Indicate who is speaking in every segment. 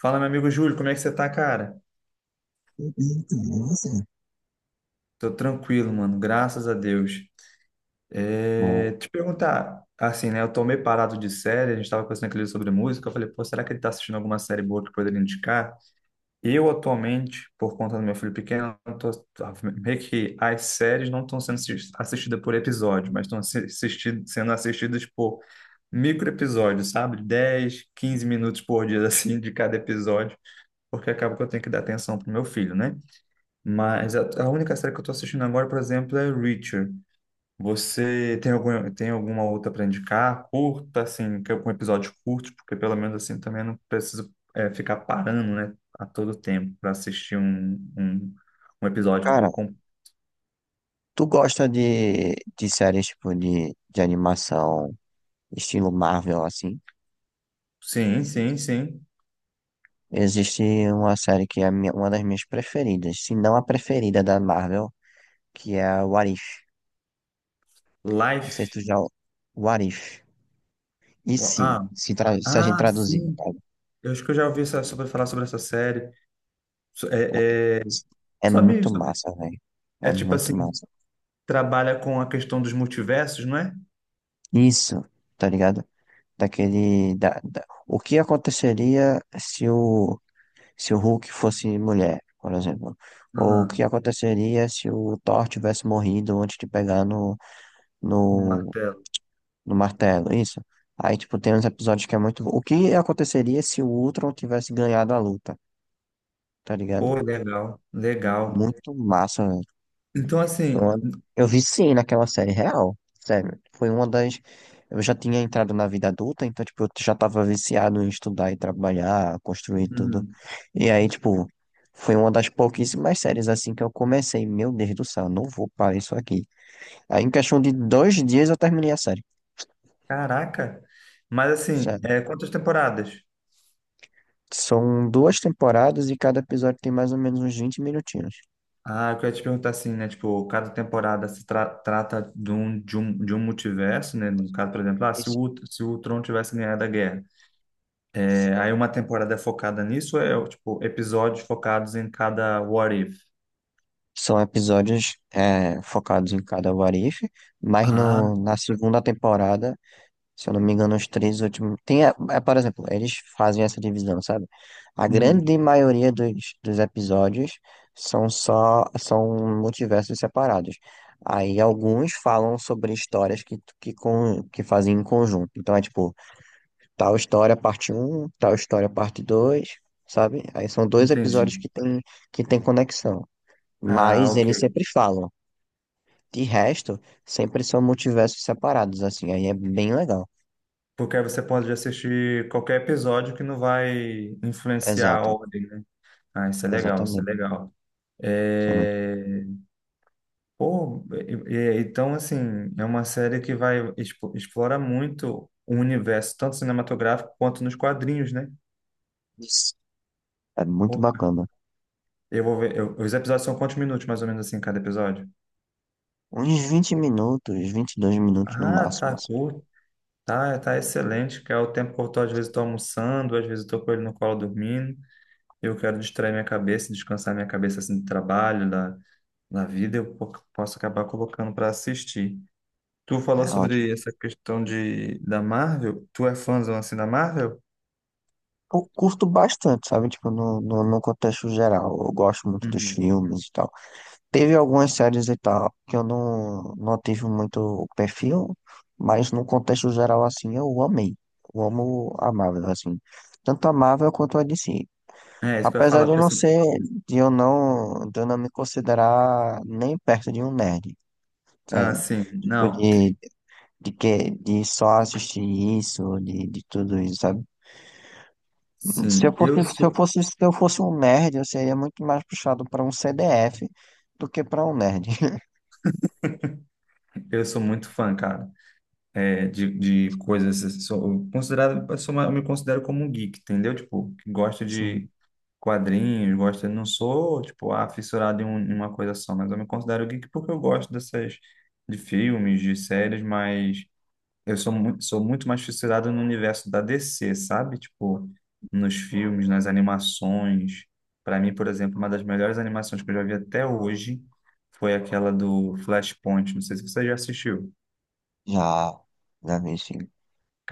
Speaker 1: Fala, meu amigo Júlio, como é que você tá, cara?
Speaker 2: Então, nossa.
Speaker 1: Tô tranquilo, mano, graças a Deus. É,
Speaker 2: Bom,
Speaker 1: te perguntar, assim, né? Eu tô meio parado de série, a gente tava conversando aquele sobre música. Eu falei, pô, será que ele tá assistindo alguma série boa que poderia indicar? Eu, atualmente, por conta do meu filho pequeno, meio que as séries não estão sendo assistidas por episódio, mas estão sendo assistidas por micro episódios, sabe? 10 15 minutos por dia, assim, de cada episódio, porque acaba que eu tenho que dar atenção pro meu filho, né? Mas a única série que eu tô assistindo agora, por exemplo, é Reacher. Você tem alguma outra para indicar? Curta, assim, que é um episódio curto, porque pelo menos assim também eu não preciso ficar parando, né, a todo tempo para assistir um, um, um episódio
Speaker 2: cara,
Speaker 1: por com...
Speaker 2: tu gosta de séries tipo de animação estilo Marvel, assim?
Speaker 1: Sim, sim, sim.
Speaker 2: Existe uma série que é uma das minhas preferidas, se não a preferida da Marvel, que é a What If. Não sei se tu
Speaker 1: Life.
Speaker 2: já... What If. E se?
Speaker 1: Ah,
Speaker 2: Se a gente
Speaker 1: ah,
Speaker 2: traduzir, no
Speaker 1: sim.
Speaker 2: caso.
Speaker 1: Eu acho que eu já ouvi sobre falar sobre essa série. So-
Speaker 2: O que-
Speaker 1: É, é...
Speaker 2: É
Speaker 1: Só me,
Speaker 2: muito
Speaker 1: só me-
Speaker 2: massa, velho. É
Speaker 1: É tipo
Speaker 2: muito
Speaker 1: assim,
Speaker 2: massa.
Speaker 1: trabalha com a questão dos multiversos, não é?
Speaker 2: Isso, tá ligado? Daquele... O que aconteceria se o se o Hulk fosse mulher, por exemplo. Ou o
Speaker 1: Aham.
Speaker 2: que aconteceria se o Thor tivesse morrido antes de pegar
Speaker 1: No
Speaker 2: no,
Speaker 1: martelo.
Speaker 2: no martelo, isso. Aí, tipo, tem uns episódios que é muito... O que aconteceria se o Ultron tivesse ganhado a luta, tá ligado?
Speaker 1: Pô, legal, legal.
Speaker 2: Muito massa, velho.
Speaker 1: Então,
Speaker 2: Foi
Speaker 1: assim,
Speaker 2: uma- Eu viciei naquela série real, sério. Foi uma das. Eu já tinha entrado na vida adulta, então, tipo, eu já tava viciado em estudar e trabalhar, construir tudo.
Speaker 1: uhum,
Speaker 2: E aí, tipo, foi uma das pouquíssimas séries assim que eu comecei. Meu Deus do céu, não vou parar isso aqui. Aí, em questão de dois dias, eu terminei a série.
Speaker 1: caraca, mas assim,
Speaker 2: Sério.
Speaker 1: quantas temporadas?
Speaker 2: São duas temporadas e cada episódio tem mais ou menos uns vinte minutinhos.
Speaker 1: Ah, eu queria te perguntar assim, né? Tipo, cada temporada se trata de um multiverso, né? No caso, por exemplo, se
Speaker 2: Esse-
Speaker 1: o, se o Tron tivesse ganhado a guerra. É, aí uma temporada é focada nisso, ou é tipo, episódios focados em cada What If?
Speaker 2: São episódios focados em cada What If, mas
Speaker 1: Ah,
Speaker 2: na segunda temporada. Se eu não me engano, os três últimos. Tem, por exemplo, eles fazem essa divisão, sabe? A
Speaker 1: uhum,
Speaker 2: grande maioria dos episódios são só, são multiversos separados. Aí alguns falam sobre histórias que fazem em conjunto. Então é tipo, tal história parte um, tal história parte dois, sabe? Aí são dois
Speaker 1: entendi.
Speaker 2: episódios que tem conexão.
Speaker 1: Ah,
Speaker 2: Mas
Speaker 1: ok.
Speaker 2: eles sempre falam. De resto, sempre são multiversos separados, assim. Aí é bem legal.
Speaker 1: Porque aí você pode assistir qualquer episódio que não vai influenciar a
Speaker 2: Exato.
Speaker 1: ordem, né? Ah, isso é legal, isso é
Speaker 2: Exatamente.
Speaker 1: legal.
Speaker 2: Sinceramente.
Speaker 1: É, Pô, então, assim, é uma série que vai explora muito o universo, tanto cinematográfico quanto nos quadrinhos, né?
Speaker 2: Isso. É muito
Speaker 1: Opa,
Speaker 2: bacana.
Speaker 1: eu vou ver. Os episódios são quantos minutos, mais ou menos, assim, cada episódio?
Speaker 2: Uns vinte minutos, 22 minutos no
Speaker 1: Ah,
Speaker 2: máximo,
Speaker 1: tá
Speaker 2: assim.
Speaker 1: curto. Tá excelente, que é o tempo que eu tô, às vezes, tô almoçando, às vezes eu tô com ele no colo dormindo. Eu quero distrair minha cabeça, descansar minha cabeça, assim, do trabalho, da vida. Eu posso acabar colocando para assistir. Tu falou
Speaker 2: É ótimo.
Speaker 1: sobre essa questão da Marvel. Tu é fãzão assim da Marvel?
Speaker 2: Eu curto bastante, sabe? Tipo, no contexto geral. Eu gosto muito dos
Speaker 1: Uhum.
Speaker 2: filmes e tal. Teve algumas séries e tal que eu não tive muito o perfil, mas no contexto geral, assim, eu amei. Eu amo a Marvel, assim. Tanto a Marvel quanto a DC.
Speaker 1: É, isso que eu ia
Speaker 2: Apesar
Speaker 1: falar,
Speaker 2: de eu
Speaker 1: porque
Speaker 2: não
Speaker 1: assim.
Speaker 2: ser, de eu não me considerar nem perto de um nerd,
Speaker 1: Ah,
Speaker 2: sabe?
Speaker 1: sim,
Speaker 2: Tipo,
Speaker 1: não.
Speaker 2: de só assistir isso, de tudo isso, sabe?
Speaker 1: Sim, eu sou,
Speaker 2: Se eu fosse um nerd, eu seria muito mais puxado para um CDF do que para um nerd.
Speaker 1: eu sou muito fã, cara, é, de, de, coisas. Assim, Sou eu considerado, eu sou uma- eu me considero como um geek, entendeu? Tipo, que gosta de
Speaker 2: Sim,
Speaker 1: quadrinhos, gosta. Não sou, tipo, fissurado em uma coisa só, mas eu me considero geek porque eu gosto de filmes, de séries, mas. Eu sou muito mais fissurado no universo da DC, sabe? Tipo, nos filmes, nas animações. Para mim, por exemplo, uma das melhores animações que eu já vi até hoje foi aquela do Flashpoint. Não sei se você já assistiu.
Speaker 2: já, já vi, sim.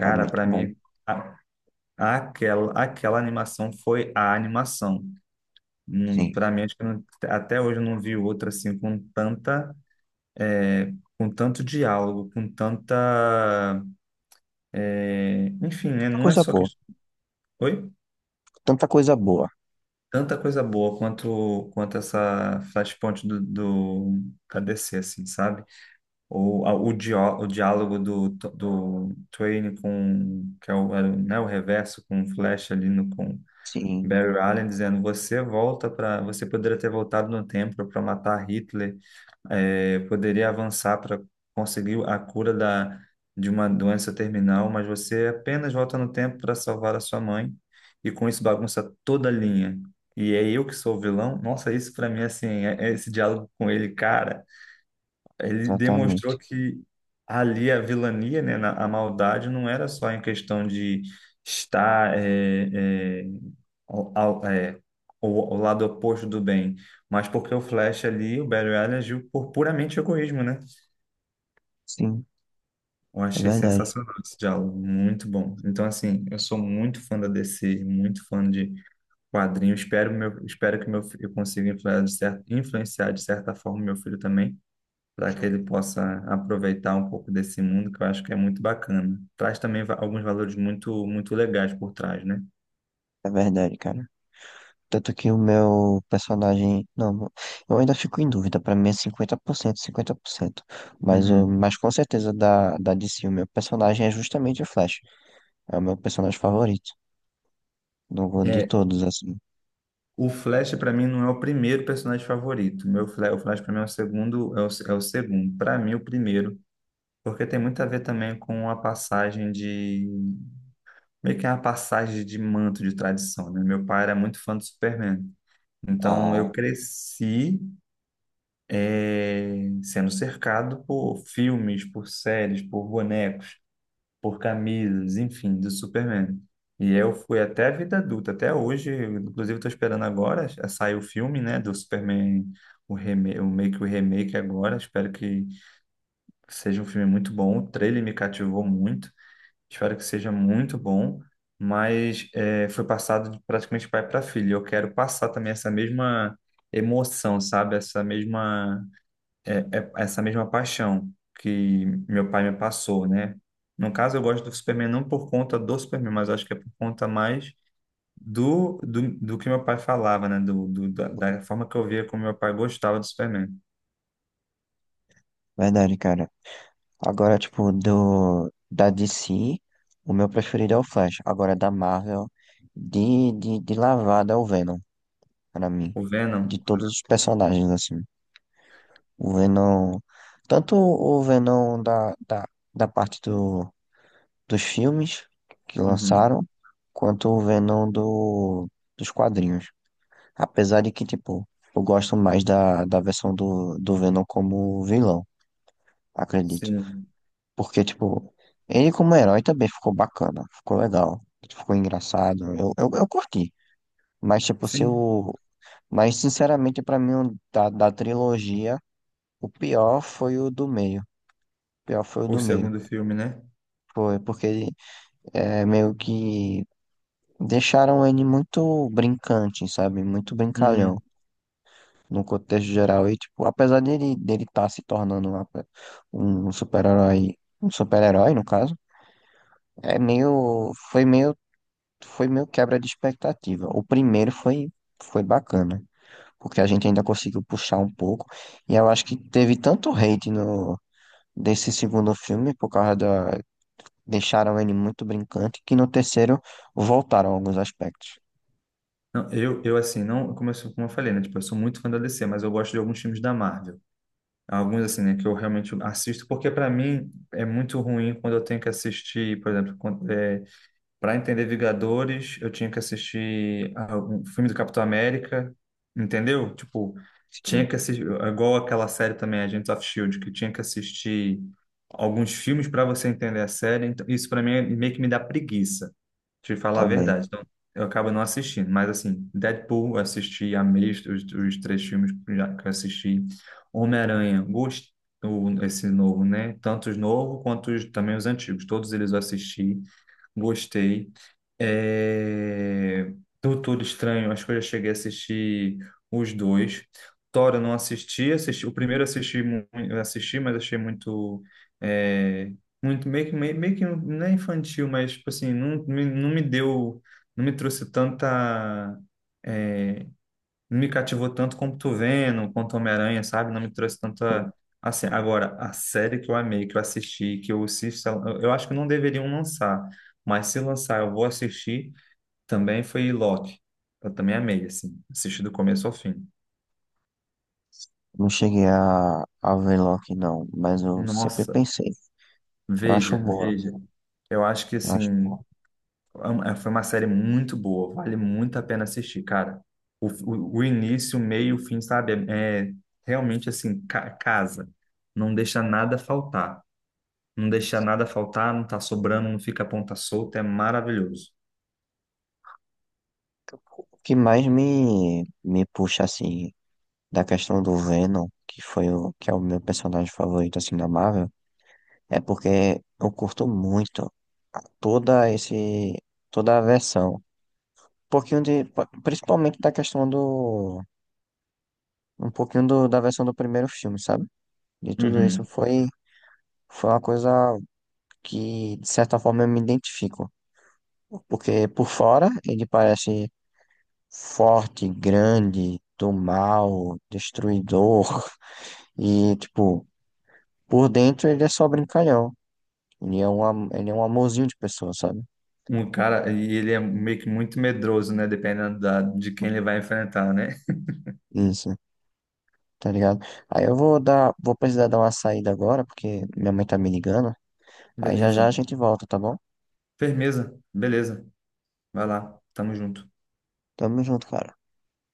Speaker 2: É muito
Speaker 1: para
Speaker 2: bom.
Speaker 1: mim, a- aquela animação foi a animação.
Speaker 2: Sim,
Speaker 1: Para mim, acho que eu não- até hoje eu não vi outra assim com é, com tanto diálogo. Enfim, né?
Speaker 2: tanta
Speaker 1: Não é
Speaker 2: coisa
Speaker 1: só
Speaker 2: boa.
Speaker 1: questão.
Speaker 2: Tanta coisa boa.
Speaker 1: Tanta coisa boa quanto essa Flashpoint do, do da DC, assim, sabe? Ou o diálogo do Twain com, que é o, era o- né, o reverso com o Flash ali no, com
Speaker 2: Sim,
Speaker 1: Barry Allen dizendo, você poderia ter voltado no tempo para matar Hitler, poderia avançar para conseguir a cura de uma doença terminal, mas você apenas volta no tempo para salvar a sua mãe e com isso bagunça toda a linha. E é eu que sou o vilão? Nossa, isso para mim, assim, é esse diálogo com ele, cara. Ele demonstrou
Speaker 2: exatamente.
Speaker 1: que ali a vilania, né, a maldade, não era só em questão de estar ao, ao- é, o lado oposto do bem, mas porque o Flash ali, o Barry Allen, agiu por puramente egoísmo, né?
Speaker 2: Sim,
Speaker 1: Eu
Speaker 2: é
Speaker 1: achei
Speaker 2: verdade.
Speaker 1: sensacional esse diálogo, muito bom. Então, assim, eu sou muito fã da DC, muito fã de quadrinhos. Espero, meu, espero que meu, fi- eu consiga influenciar, influenciar de certa forma meu filho também para que ele possa aproveitar um pouco desse mundo, que eu acho que é muito bacana. Traz também alguns valores muito, muito legais por trás, né?
Speaker 2: É verdade, cara. Tanto que o meu personagem. Não, eu ainda fico em dúvida. Pra mim é 50%, 50%. Mas,
Speaker 1: Uhum.
Speaker 2: mas com certeza da DC, o meu personagem é justamente o Flash. É o meu personagem favorito. De
Speaker 1: É,
Speaker 2: todos, assim.
Speaker 1: o Flash para mim não é o primeiro personagem favorito. O Flash para mim é o segundo, é o segundo. Para mim o primeiro, porque tem muito a ver também com a passagem de meio que é uma passagem de manto de tradição, né? Meu pai era muito fã do Superman. Então
Speaker 2: Ah,
Speaker 1: eu cresci é, sendo cercado por filmes, por séries, por bonecos, por camisas, enfim, do Superman. E eu fui até a vida adulta, até hoje, inclusive estou esperando agora, sai o filme, né, do Superman, o meio que o remake agora, espero que seja um filme muito bom, o trailer me cativou muito, espero que seja muito bom, mas foi passado de praticamente pai para filho, eu quero passar também essa mesma emoção, sabe, essa mesma paixão que meu pai me passou, né? No caso, eu gosto do Superman não por conta do Superman, mas acho que é por conta mais do que meu pai falava, né? Da forma que eu via como meu pai gostava do Superman.
Speaker 2: verdade, cara. Agora, tipo, da DC, o meu preferido é o Flash. Agora, da Marvel, de lavada é o Venom, pra mim.
Speaker 1: O
Speaker 2: De
Speaker 1: Venom.
Speaker 2: todos os personagens, assim. O Venom. Tanto o Venom da parte dos filmes que
Speaker 1: Uhum.
Speaker 2: lançaram, quanto o Venom dos quadrinhos. Apesar de que, tipo, eu gosto mais da versão do Venom como vilão, acredito.
Speaker 1: Sim.
Speaker 2: Porque, tipo, ele como herói também ficou bacana, ficou legal, ficou engraçado. Eu curti. Mas, tipo, se
Speaker 1: Sim.
Speaker 2: eu. Mas, sinceramente, pra mim, o da trilogia, o pior foi o do meio. O pior foi o
Speaker 1: O
Speaker 2: do meio.
Speaker 1: segundo filme, né?
Speaker 2: Foi, porque é meio que deixaram ele muito brincante, sabe? Muito brincalhão
Speaker 1: Uhum.
Speaker 2: no contexto geral. E, tipo, apesar dele estar se tornando um super-herói, um super-herói, no caso, é meio, foi meio, foi meio quebra de expectativa. O primeiro foi, foi bacana, porque a gente ainda conseguiu puxar um pouco. E eu acho que teve tanto hate no, desse segundo filme por causa da deixaram ele muito brincante, que no terceiro voltaram alguns aspectos.
Speaker 1: Não, eu, assim, não, como eu falei, né? Tipo, eu sou muito fã da DC, mas eu gosto de alguns filmes da Marvel. Alguns, assim, né, que eu realmente assisto, porque para mim é muito ruim quando eu tenho que assistir, por exemplo, para entender Vingadores, eu tinha que assistir um filme do Capitão América, entendeu? Tipo, tinha
Speaker 2: Sim,
Speaker 1: que assistir, igual aquela série também, Agents of Shield, que tinha que assistir alguns filmes para você entender a série. Então, isso para mim meio que me dá preguiça, te falar a
Speaker 2: também.
Speaker 1: verdade. Então, eu acabo não assistindo. Mas assim, Deadpool, eu assisti, amei os três filmes que eu assisti. Homem-Aranha, gostei, esse novo, né? Tanto os novos quanto também os antigos. Todos eles eu assisti. Gostei. É... Doutor Estranho, acho que eu já cheguei a assistir os dois. Thor eu não assisti, assisti... o primeiro eu assisti, eu assisti, mas achei muito, é, muito meio que não é infantil, mas tipo assim, não, não me deu, não me trouxe tanta, é, não me cativou tanto como tu Venom, quanto Homem-Aranha, sabe? Não me trouxe tanta. Assim, agora, a série que eu amei, que eu assisti, que eu assisto, eu acho que não deveriam lançar, mas se lançar, eu vou assistir. Também foi Loki. Eu também amei, assim, assisti do começo ao fim.
Speaker 2: Não cheguei a ver Loki, não, mas eu sempre
Speaker 1: Nossa,
Speaker 2: pensei. Eu acho
Speaker 1: veja,
Speaker 2: boa,
Speaker 1: veja. Eu acho que,
Speaker 2: eu acho
Speaker 1: assim,
Speaker 2: boa.
Speaker 1: foi uma série muito boa, vale muito a pena assistir, cara. O início, o meio, o fim, sabe? É realmente, assim, casa. Não deixa nada faltar. Não deixa nada faltar, não tá sobrando, não fica a ponta solta, é maravilhoso.
Speaker 2: O que mais me puxa, assim, da questão do Venom, que foi o, que é o meu personagem favorito, assim, da Marvel, é porque eu curto muito toda esse, toda a versão. Um pouquinho de, principalmente da questão do, um pouquinho do, da versão do primeiro filme, sabe? De tudo isso
Speaker 1: Uhum.
Speaker 2: foi, foi uma coisa que, de certa forma, eu me identifico. Porque por fora ele parece forte, grande, do mal, destruidor. E, tipo, por dentro ele é só brincalhão. Ele é um, ele é um amorzinho de pessoa, sabe?
Speaker 1: Um cara, e ele é meio que muito medroso, né? Dependendo de quem ele vai enfrentar, né?
Speaker 2: Isso, tá ligado? Aí eu vou dar, vou precisar dar uma saída agora, porque minha mãe tá me ligando. Aí já já a
Speaker 1: Beleza.
Speaker 2: gente volta, tá bom?
Speaker 1: Firmeza. Beleza. Vai lá. Tamo junto.
Speaker 2: Tamo junto, cara.